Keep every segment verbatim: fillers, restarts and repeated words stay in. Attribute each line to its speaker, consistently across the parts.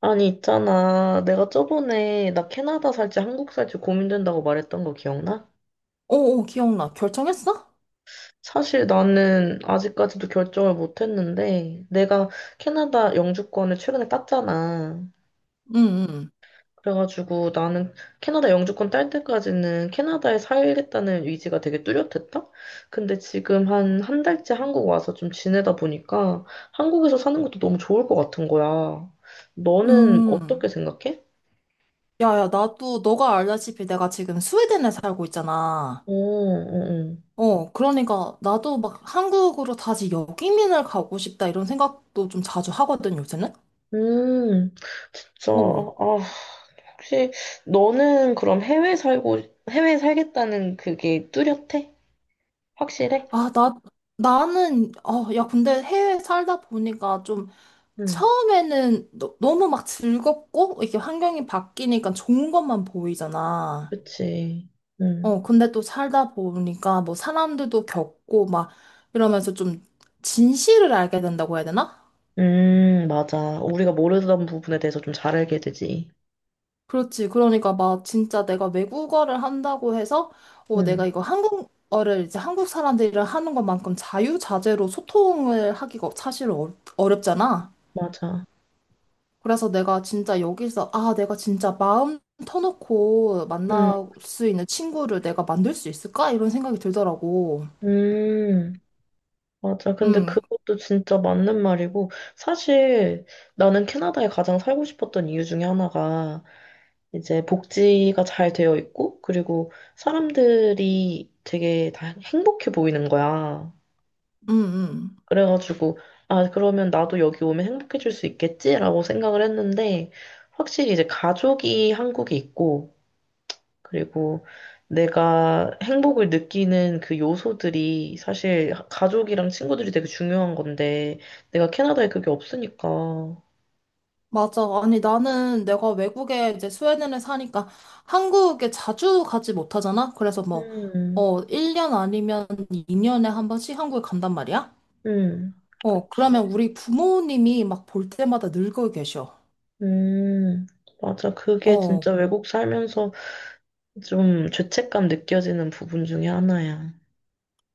Speaker 1: 아니, 있잖아. 내가 저번에 나 캐나다 살지 한국 살지 고민된다고 말했던 거 기억나?
Speaker 2: 오, 오, 기억나. 결정했어?
Speaker 1: 사실 나는 아직까지도 결정을 못 했는데, 내가 캐나다 영주권을 최근에 땄잖아.
Speaker 2: 응, 응,
Speaker 1: 그래가지고 나는 캐나다 영주권 딸 때까지는 캐나다에 살겠다는 의지가 되게 뚜렷했다. 근데 지금 한 한 달째 한국 와서 좀 지내다 보니까 한국에서 사는 것도 너무 좋을 것 같은 거야. 너는
Speaker 2: 응.
Speaker 1: 어떻게 생각해?
Speaker 2: 야, 야, 나도, 너가 알다시피 내가 지금 스웨덴에 살고 있잖아.
Speaker 1: 어, 어, 어.
Speaker 2: 어, 그러니까 나도 막 한국으로 다시 역이민을 가고 싶다 이런 생각도 좀 자주 하거든, 요새는?
Speaker 1: 음. 저,
Speaker 2: 어.
Speaker 1: 아, 혹시 너는 그럼 해외 살고, 해외 살겠다는 그게 뚜렷해? 확실해?
Speaker 2: 아, 나, 나는, 어, 야, 근데 해외 살다 보니까 좀
Speaker 1: 응,
Speaker 2: 처음에는 너, 너무 막 즐겁고, 이게 환경이 바뀌니까 좋은 것만 보이잖아.
Speaker 1: 그치. 응.
Speaker 2: 어, 근데 또 살다 보니까 뭐 사람들도 겪고 막 이러면서 좀 진실을 알게 된다고 해야 되나?
Speaker 1: 음, 맞아. 우리가 모르던 부분에 대해서 좀 잘 알게 되지.
Speaker 2: 그렇지. 그러니까 막 진짜 내가 외국어를 한다고 해서 어,
Speaker 1: 응,
Speaker 2: 내가 이거 한국어를 이제 한국 사람들이랑 하는 것만큼 자유자재로 소통을 하기가 사실 어, 어렵잖아.
Speaker 1: 맞아.
Speaker 2: 그래서 내가 진짜 여기서 아, 내가 진짜 마음 터놓고
Speaker 1: 응,
Speaker 2: 만날 수 있는 친구를 내가 만들 수 있을까? 이런 생각이 들더라고.
Speaker 1: 음, 맞아. 근데
Speaker 2: 음,
Speaker 1: 그것도 진짜 맞는 말이고, 사실 나는 캐나다에 가장 살고 싶었던 이유 중에 하나가 이제 복지가 잘 되어 있고, 그리고 사람들이 되게 다 행복해 보이는 거야.
Speaker 2: 음, 음.
Speaker 1: 그래가지고, 아, 그러면 나도 여기 오면 행복해질 수 있겠지라고 생각을 했는데, 확실히 이제 가족이 한국에 있고, 그리고 내가 행복을 느끼는 그 요소들이 사실 가족이랑 친구들이 되게 중요한 건데, 내가 캐나다에 그게 없으니까.
Speaker 2: 맞아. 아니, 나는 내가 외국에 이제 스웨덴에 사니까 한국에 자주 가지 못하잖아? 그래서 뭐,
Speaker 1: 음,
Speaker 2: 어, 일 년 아니면 이 년에 한 번씩 한국에 간단 말이야?
Speaker 1: 음,
Speaker 2: 어,
Speaker 1: 그치.
Speaker 2: 그러면 우리 부모님이 막 볼 때마다 늙어 계셔.
Speaker 1: 음, 맞아. 그게
Speaker 2: 어,
Speaker 1: 진짜 외국 살면서 좀 죄책감 느껴지는 부분 중에 하나야.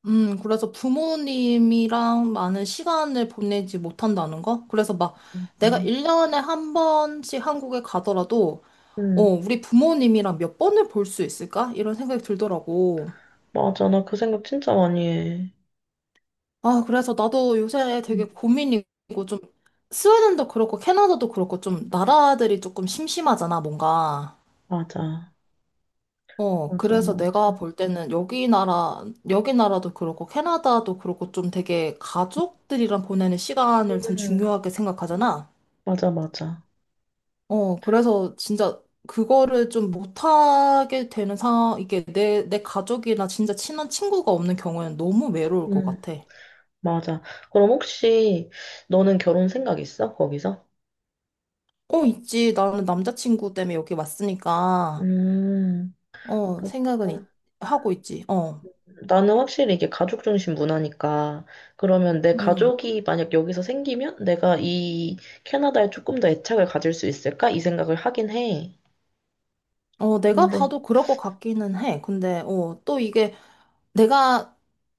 Speaker 2: 음, 그래서 부모님이랑 많은 시간을 보내지 못한다는 거? 그래서 막 내가
Speaker 1: 음,
Speaker 2: 일 년에 한 번씩 한국에 가더라도, 어,
Speaker 1: 음,
Speaker 2: 우리 부모님이랑 몇 번을 볼 수 있을까? 이런 생각이 들더라고.
Speaker 1: 맞아. 나 그 생각 진짜 많이 해.
Speaker 2: 아, 그래서 나도 요새 되게
Speaker 1: 음,
Speaker 2: 고민이고 좀 스웨덴도 그렇고 캐나다도 그렇고 좀 나라들이 조금 심심하잖아, 뭔가.
Speaker 1: 맞아.
Speaker 2: 어,
Speaker 1: 맞아,
Speaker 2: 그래서
Speaker 1: 맞아.
Speaker 2: 내가 볼 때는 여기 나라, 여기 나라도 그렇고 캐나다도 그렇고 좀 되게 가족들이랑 보내는 시간을 참
Speaker 1: 음,
Speaker 2: 중요하게 생각하잖아.
Speaker 1: 맞아, 맞아.
Speaker 2: 어, 그래서 진짜 그거를 좀 못하게 되는 상황, 이게 내, 내 가족이나 진짜 친한 친구가 없는 경우에는 너무 외로울 것
Speaker 1: 음,
Speaker 2: 같아.
Speaker 1: 맞아. 그럼 혹시 너는 결혼 생각 있어? 거기서?
Speaker 2: 어, 있지. 나는 남자친구 때문에 여기 왔으니까.
Speaker 1: 음,
Speaker 2: 어, 생각은 있-
Speaker 1: 그렇구나.
Speaker 2: 하고 있지. 어,
Speaker 1: 나는 확실히 이게 가족 중심 문화니까 그러면 내
Speaker 2: 음.
Speaker 1: 가족이 만약 여기서 생기면 내가 이 캐나다에 조금 더 애착을 가질 수 있을까? 이 생각을 하긴 해.
Speaker 2: 어, 내가
Speaker 1: 근데
Speaker 2: 봐도 그럴 것 같기는 해. 근데, 어, 또 이게 내가,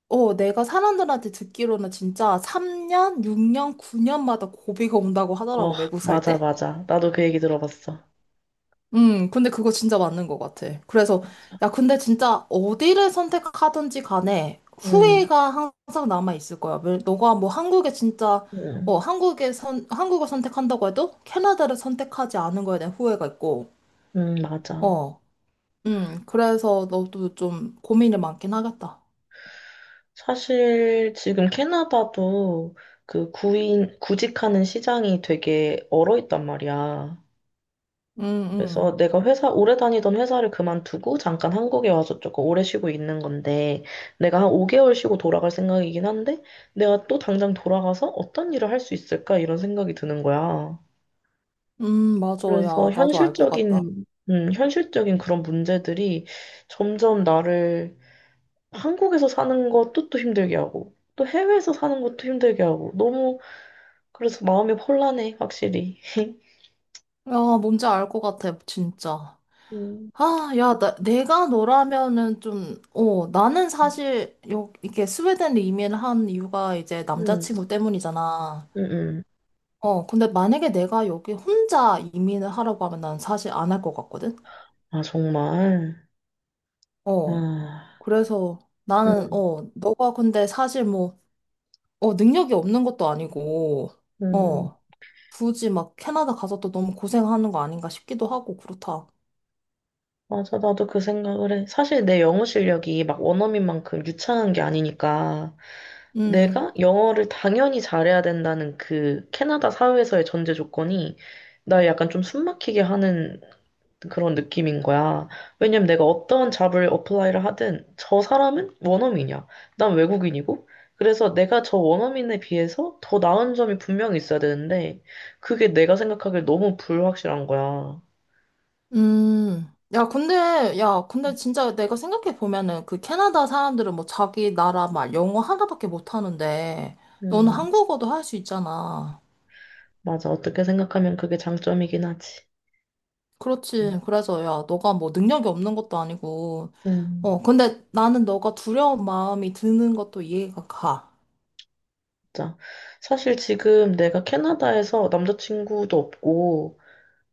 Speaker 2: 어, 내가 사람들한테 듣기로는 진짜 삼 년, 육 년, 구 년마다 고비가 온다고
Speaker 1: 어,
Speaker 2: 하더라고, 외국 살
Speaker 1: 맞아,
Speaker 2: 때.
Speaker 1: 맞아, 나도 그 얘기 들어봤어.
Speaker 2: 음, 근데 그거 진짜 맞는 것 같아. 그래서,
Speaker 1: 맞아.
Speaker 2: 야, 근데 진짜 어디를 선택하든지 간에
Speaker 1: 음,
Speaker 2: 후회가 항상 남아있을 거야. 왜- 너가 뭐 한국에 진짜,
Speaker 1: 음,
Speaker 2: 어, 한국에 선, 한국을 선택한다고 해도 캐나다를 선택하지 않은 거에 대한 후회가 있고,
Speaker 1: 음, 맞아.
Speaker 2: 어, 음, 그래서 너도 좀 고민이 많긴 하겠다.
Speaker 1: 사실 지금 캐나다도 그 구인 구직하는 시장이 되게 얼어 있단 말이야.
Speaker 2: 음, 음.
Speaker 1: 그래서 내가 회사, 오래 다니던 회사를 그만두고 잠깐 한국에 와서 조금 오래 쉬고 있는 건데, 내가 한 오 개월 쉬고 돌아갈 생각이긴 한데, 내가 또 당장 돌아가서 어떤 일을 할 수 있을까? 이런 생각이 드는 거야.
Speaker 2: 음, 맞아.
Speaker 1: 그래서
Speaker 2: 야, 나도 알 것 같다.
Speaker 1: 현실적인, 음, 현실적인 그런 문제들이 점점 나를 한국에서 사는 것도 또 힘들게 하고, 또 해외에서 사는 것도 힘들게 하고, 너무, 그래서 마음이 혼란해, 확실히.
Speaker 2: 야, 뭔지 알 것 같아, 진짜.
Speaker 1: 음,
Speaker 2: 아, 야, 나, 내가 너라면은 좀, 어, 나는 사실, 여, 이렇게 스웨덴 이민을 한 이유가 이제
Speaker 1: 음,
Speaker 2: 남자친구 때문이잖아.
Speaker 1: 음, 음.
Speaker 2: 어, 근데 만약에 내가 여기 혼자 이민을 하라고 하면 난 사실 안 할 것 같거든?
Speaker 1: 아, 정말.
Speaker 2: 어,
Speaker 1: 아.
Speaker 2: 그래서 나는,
Speaker 1: 음,
Speaker 2: 어, 너가 근데 사실 뭐, 어, 능력이 없는 것도 아니고,
Speaker 1: 음,
Speaker 2: 어. 굳이 막 캐나다 가서 또 너무 고생하는 거 아닌가 싶기도 하고 그렇다.
Speaker 1: 맞아. 나도 그 생각을 해. 사실 내 영어 실력이 막 원어민만큼 유창한 게 아니니까
Speaker 2: 음,
Speaker 1: 내가 영어를 당연히 잘해야 된다는 그 캐나다 사회에서의 전제 조건이 나 약간 좀 숨막히게 하는 그런 느낌인 거야. 왜냐면 내가 어떤 잡을 어플라이를 하든 저 사람은 원어민이야. 난 외국인이고. 그래서 내가 저 원어민에 비해서 더 나은 점이 분명히 있어야 되는데 그게 내가 생각하기에 너무 불확실한 거야.
Speaker 2: 음. 야, 근데, 야, 근데 진짜 내가 생각해 보면은 그 캐나다 사람들은 뭐 자기 나라 말 영어 하나밖에 못 하는데 너는
Speaker 1: 음.
Speaker 2: 한국어도 할 수 있잖아.
Speaker 1: 맞아. 어떻게 생각하면 그게 장점이긴 하지.
Speaker 2: 그렇지.
Speaker 1: 음,
Speaker 2: 그래서 야, 너가 뭐 능력이 없는 것도 아니고.
Speaker 1: 음,
Speaker 2: 어, 근데 나는 너가 두려운 마음이 드는 것도 이해가 가.
Speaker 1: 맞아. 사실 지금 내가 캐나다에서 남자친구도 없고,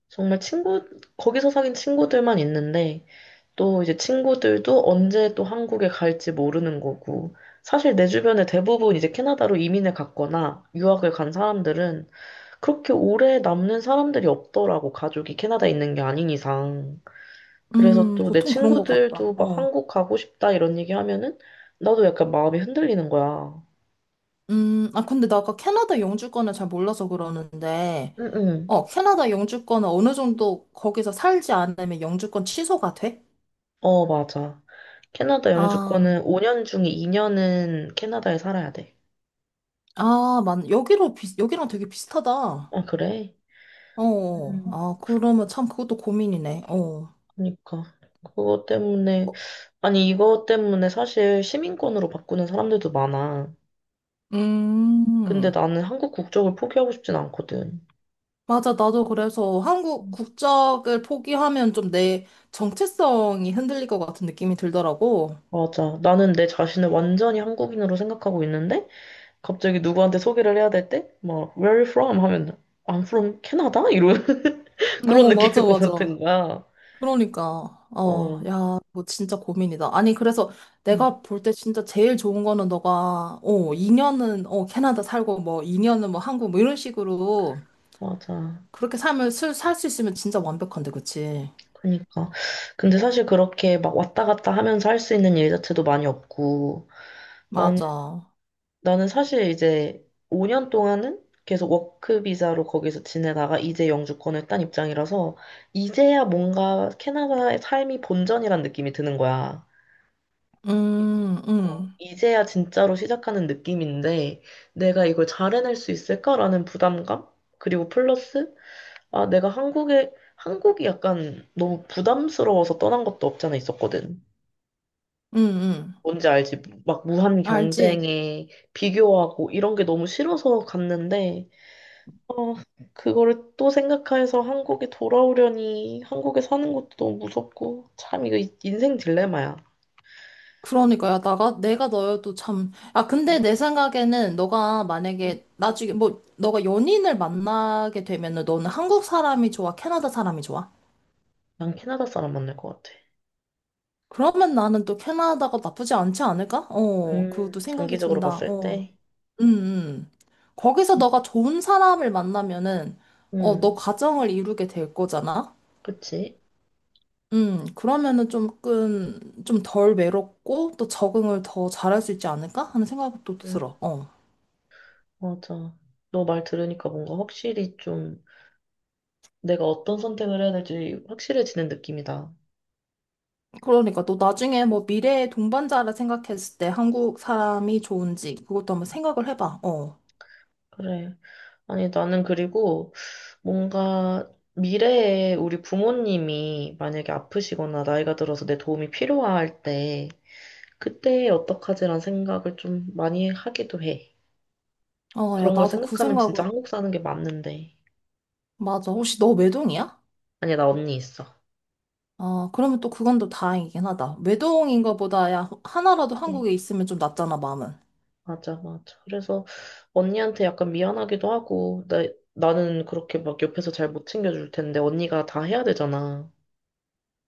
Speaker 1: 정말 친구, 거기서 사귄 친구들만 있는데, 또 이제 친구들도 언제 또 한국에 갈지 모르는 거고, 사실 내 주변에 대부분 이제 캐나다로 이민을 갔거나 유학을 간 사람들은 그렇게 오래 남는 사람들이 없더라고. 가족이 캐나다에 있는 게 아닌 이상. 그래서
Speaker 2: 음,
Speaker 1: 또 내
Speaker 2: 보통 그런 것 같다.
Speaker 1: 친구들도 막
Speaker 2: 어.
Speaker 1: 한국 가고 싶다 이런 얘기 하면은 나도 약간 마음이 흔들리는 거야.
Speaker 2: 음, 아, 근데 나 아까 캐나다 영주권을 잘 몰라서 그러는데,
Speaker 1: 응응.
Speaker 2: 어, 캐나다 영주권은 어느 정도 거기서 살지 않으면 영주권 취소가 돼?
Speaker 1: 어, 맞아. 캐나다
Speaker 2: 아,
Speaker 1: 영주권은 오 년 중에 이 년은 캐나다에 살아야 돼.
Speaker 2: 아, 만 여기로 비, 여기랑 되게 비슷하다.
Speaker 1: 아, 그래?
Speaker 2: 어,
Speaker 1: 음.
Speaker 2: 아, 그러면 참 그것도 고민이네. 어.
Speaker 1: 그러니까. 그것 때문에,
Speaker 2: 뭐,
Speaker 1: 아니, 이것 때문에 사실 시민권으로 바꾸는 사람들도 많아. 근데
Speaker 2: 음,
Speaker 1: 나는 한국 국적을 포기하고 싶진 않거든.
Speaker 2: 맞아. 나도 그래서 한국 국적을 포기하면 좀 내 정체성이 흔들릴 것 같은 느낌이 들더라고.
Speaker 1: 맞아. 나는 내 자신을 완전히 한국인으로 생각하고 있는데, 갑자기 누구한테 소개를 해야 될 때, 막, where are you from? 하면, I'm from 캐나다? 이런, 그런
Speaker 2: 어, 맞아,
Speaker 1: 느낌일 것 같은
Speaker 2: 맞아.
Speaker 1: 거야.
Speaker 2: 그러니까, 어,
Speaker 1: 어,
Speaker 2: 야, 뭐 진짜 고민이다. 아니, 그래서
Speaker 1: 음,
Speaker 2: 내가 볼 때 진짜 제일 좋은 거는 너가, 어, 이 년은, 어, 캐나다 살고, 뭐, 이 년은 뭐, 한국, 뭐, 이런 식으로
Speaker 1: 맞아.
Speaker 2: 그렇게 삶을 살 수 있으면 진짜 완벽한데, 그치?
Speaker 1: 그니까. 근데 사실 그렇게 막 왔다 갔다 하면서 할 수 있는 일 자체도 많이 없고, 난,
Speaker 2: 맞아.
Speaker 1: 나는 사실 이제 오 년 동안은 계속 워크 비자로 거기서 지내다가 이제 영주권을 딴 입장이라서, 이제야 뭔가 캐나다의 삶이 본전이란 느낌이 드는 거야.
Speaker 2: 음,
Speaker 1: 어,
Speaker 2: 음,
Speaker 1: 이제야 진짜로 시작하는 느낌인데, 내가 이걸 잘 해낼 수 있을까라는 부담감? 그리고 플러스, 아, 내가 한국에, 한국이 약간 너무 부담스러워서 떠난 것도 없지 않아 있었거든.
Speaker 2: 음, 음.
Speaker 1: 뭔지 알지? 막 무한
Speaker 2: 알지?
Speaker 1: 경쟁에 비교하고 이런 게 너무 싫어서 갔는데, 어, 그거를 또 생각해서 한국에 돌아오려니 한국에 사는 것도 너무 무섭고, 참 이거 이- 인생 딜레마야.
Speaker 2: 그러니까, 야, 나가, 내가 너여도 참. 아, 근데 내 생각에는 너가 만약에 나중에, 뭐, 너가 연인을 만나게 되면은 너는 한국 사람이 좋아? 캐나다 사람이 좋아?
Speaker 1: 난 캐나다 사람 만날 것 같아.
Speaker 2: 그러면 나는 또 캐나다가 나쁘지 않지 않을까? 어,
Speaker 1: 음,
Speaker 2: 그것도 생각이
Speaker 1: 장기적으로
Speaker 2: 든다.
Speaker 1: 봤을
Speaker 2: 어,
Speaker 1: 때.
Speaker 2: 음, 음. 거기서
Speaker 1: 그치.
Speaker 2: 너가 좋은 사람을 만나면은, 어, 너
Speaker 1: 응,
Speaker 2: 가정을 이루게 될 거잖아?
Speaker 1: 그치.
Speaker 2: 음, 그러면은 조금, 좀 덜 외롭고, 또 적응을 더 잘할 수 있지 않을까? 하는 생각도
Speaker 1: 음,
Speaker 2: 들어. 어.
Speaker 1: 맞아. 너 말 들으니까 뭔가 확실히 좀 내가 어떤 선택을 해야 될지 확실해지는 느낌이다.
Speaker 2: 그러니까 또 나중에 뭐 미래의 동반자라 생각했을 때 한국 사람이 좋은지, 그것도 한번 생각을 해봐. 어.
Speaker 1: 그래. 아니, 나는 그리고 뭔가 미래에 우리 부모님이 만약에 아프시거나 나이가 들어서 내 도움이 필요할 때 그때 어떡하지란 생각을 좀 많이 하기도 해.
Speaker 2: 어, 야,
Speaker 1: 그런 걸
Speaker 2: 나도 그
Speaker 1: 생각하면
Speaker 2: 생각은,
Speaker 1: 진짜 한국 사는 게 맞는데.
Speaker 2: 맞아. 혹시 너 외동이야?
Speaker 1: 아니, 나 언니 있어.
Speaker 2: 아, 그러면 또 그건 또 다행이긴 하다. 외동인 것보다 야, 하나라도
Speaker 1: 네.
Speaker 2: 한국에 있으면 좀 낫잖아, 마음은.
Speaker 1: 맞아, 맞아. 그래서 언니한테 약간 미안하기도 하고, 나, 나는 그렇게 막 옆에서 잘 못 챙겨줄 텐데, 언니가 다 해야 되잖아.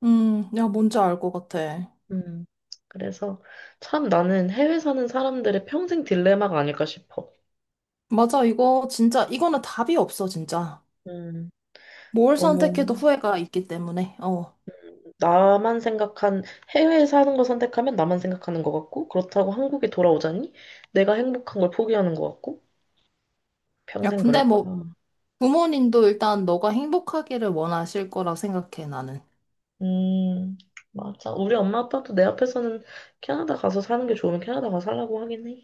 Speaker 2: 음, 야, 뭔지 알 것 같아.
Speaker 1: 음. 그래서 참 나는 해외 사는 사람들의 평생 딜레마가 아닐까 싶어.
Speaker 2: 맞아, 이거 진짜, 이거는 답이 없어, 진짜.
Speaker 1: 음.
Speaker 2: 뭘 선택해도
Speaker 1: 너무
Speaker 2: 후회가 있기 때문에, 어.
Speaker 1: 나만 생각한, 해외에 사는 거 선택하면 나만 생각하는 것 같고, 그렇다고 한국에 돌아오자니 내가 행복한 걸 포기하는 것 같고,
Speaker 2: 야,
Speaker 1: 평생 그럴
Speaker 2: 근데 뭐,
Speaker 1: 거야.
Speaker 2: 부모님도 일단 너가 행복하기를 원하실 거라 생각해, 나는.
Speaker 1: 음, 맞아. 우리 엄마 아빠도 내 앞에서는 캐나다 가서 사는 게 좋으면 캐나다 가서 살라고 하긴 해.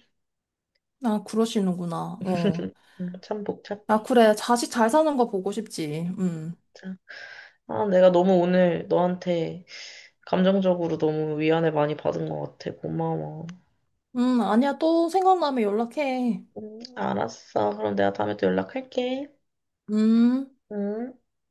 Speaker 2: 아, 그러시는구나, 어.
Speaker 1: 음, 참
Speaker 2: 아,
Speaker 1: 복잡해.
Speaker 2: 그래, 자식 잘 사는 거 보고 싶지, 음.
Speaker 1: 자, 아, 내가 너무 오늘 너한테 감정적으로 너무 위안을 많이 받은 것 같아. 고마워.
Speaker 2: 음, 아니야, 또 생각나면 연락해.
Speaker 1: 음, 알았어. 그럼 내가 다음에 또 연락할게.
Speaker 2: 음.
Speaker 1: 응.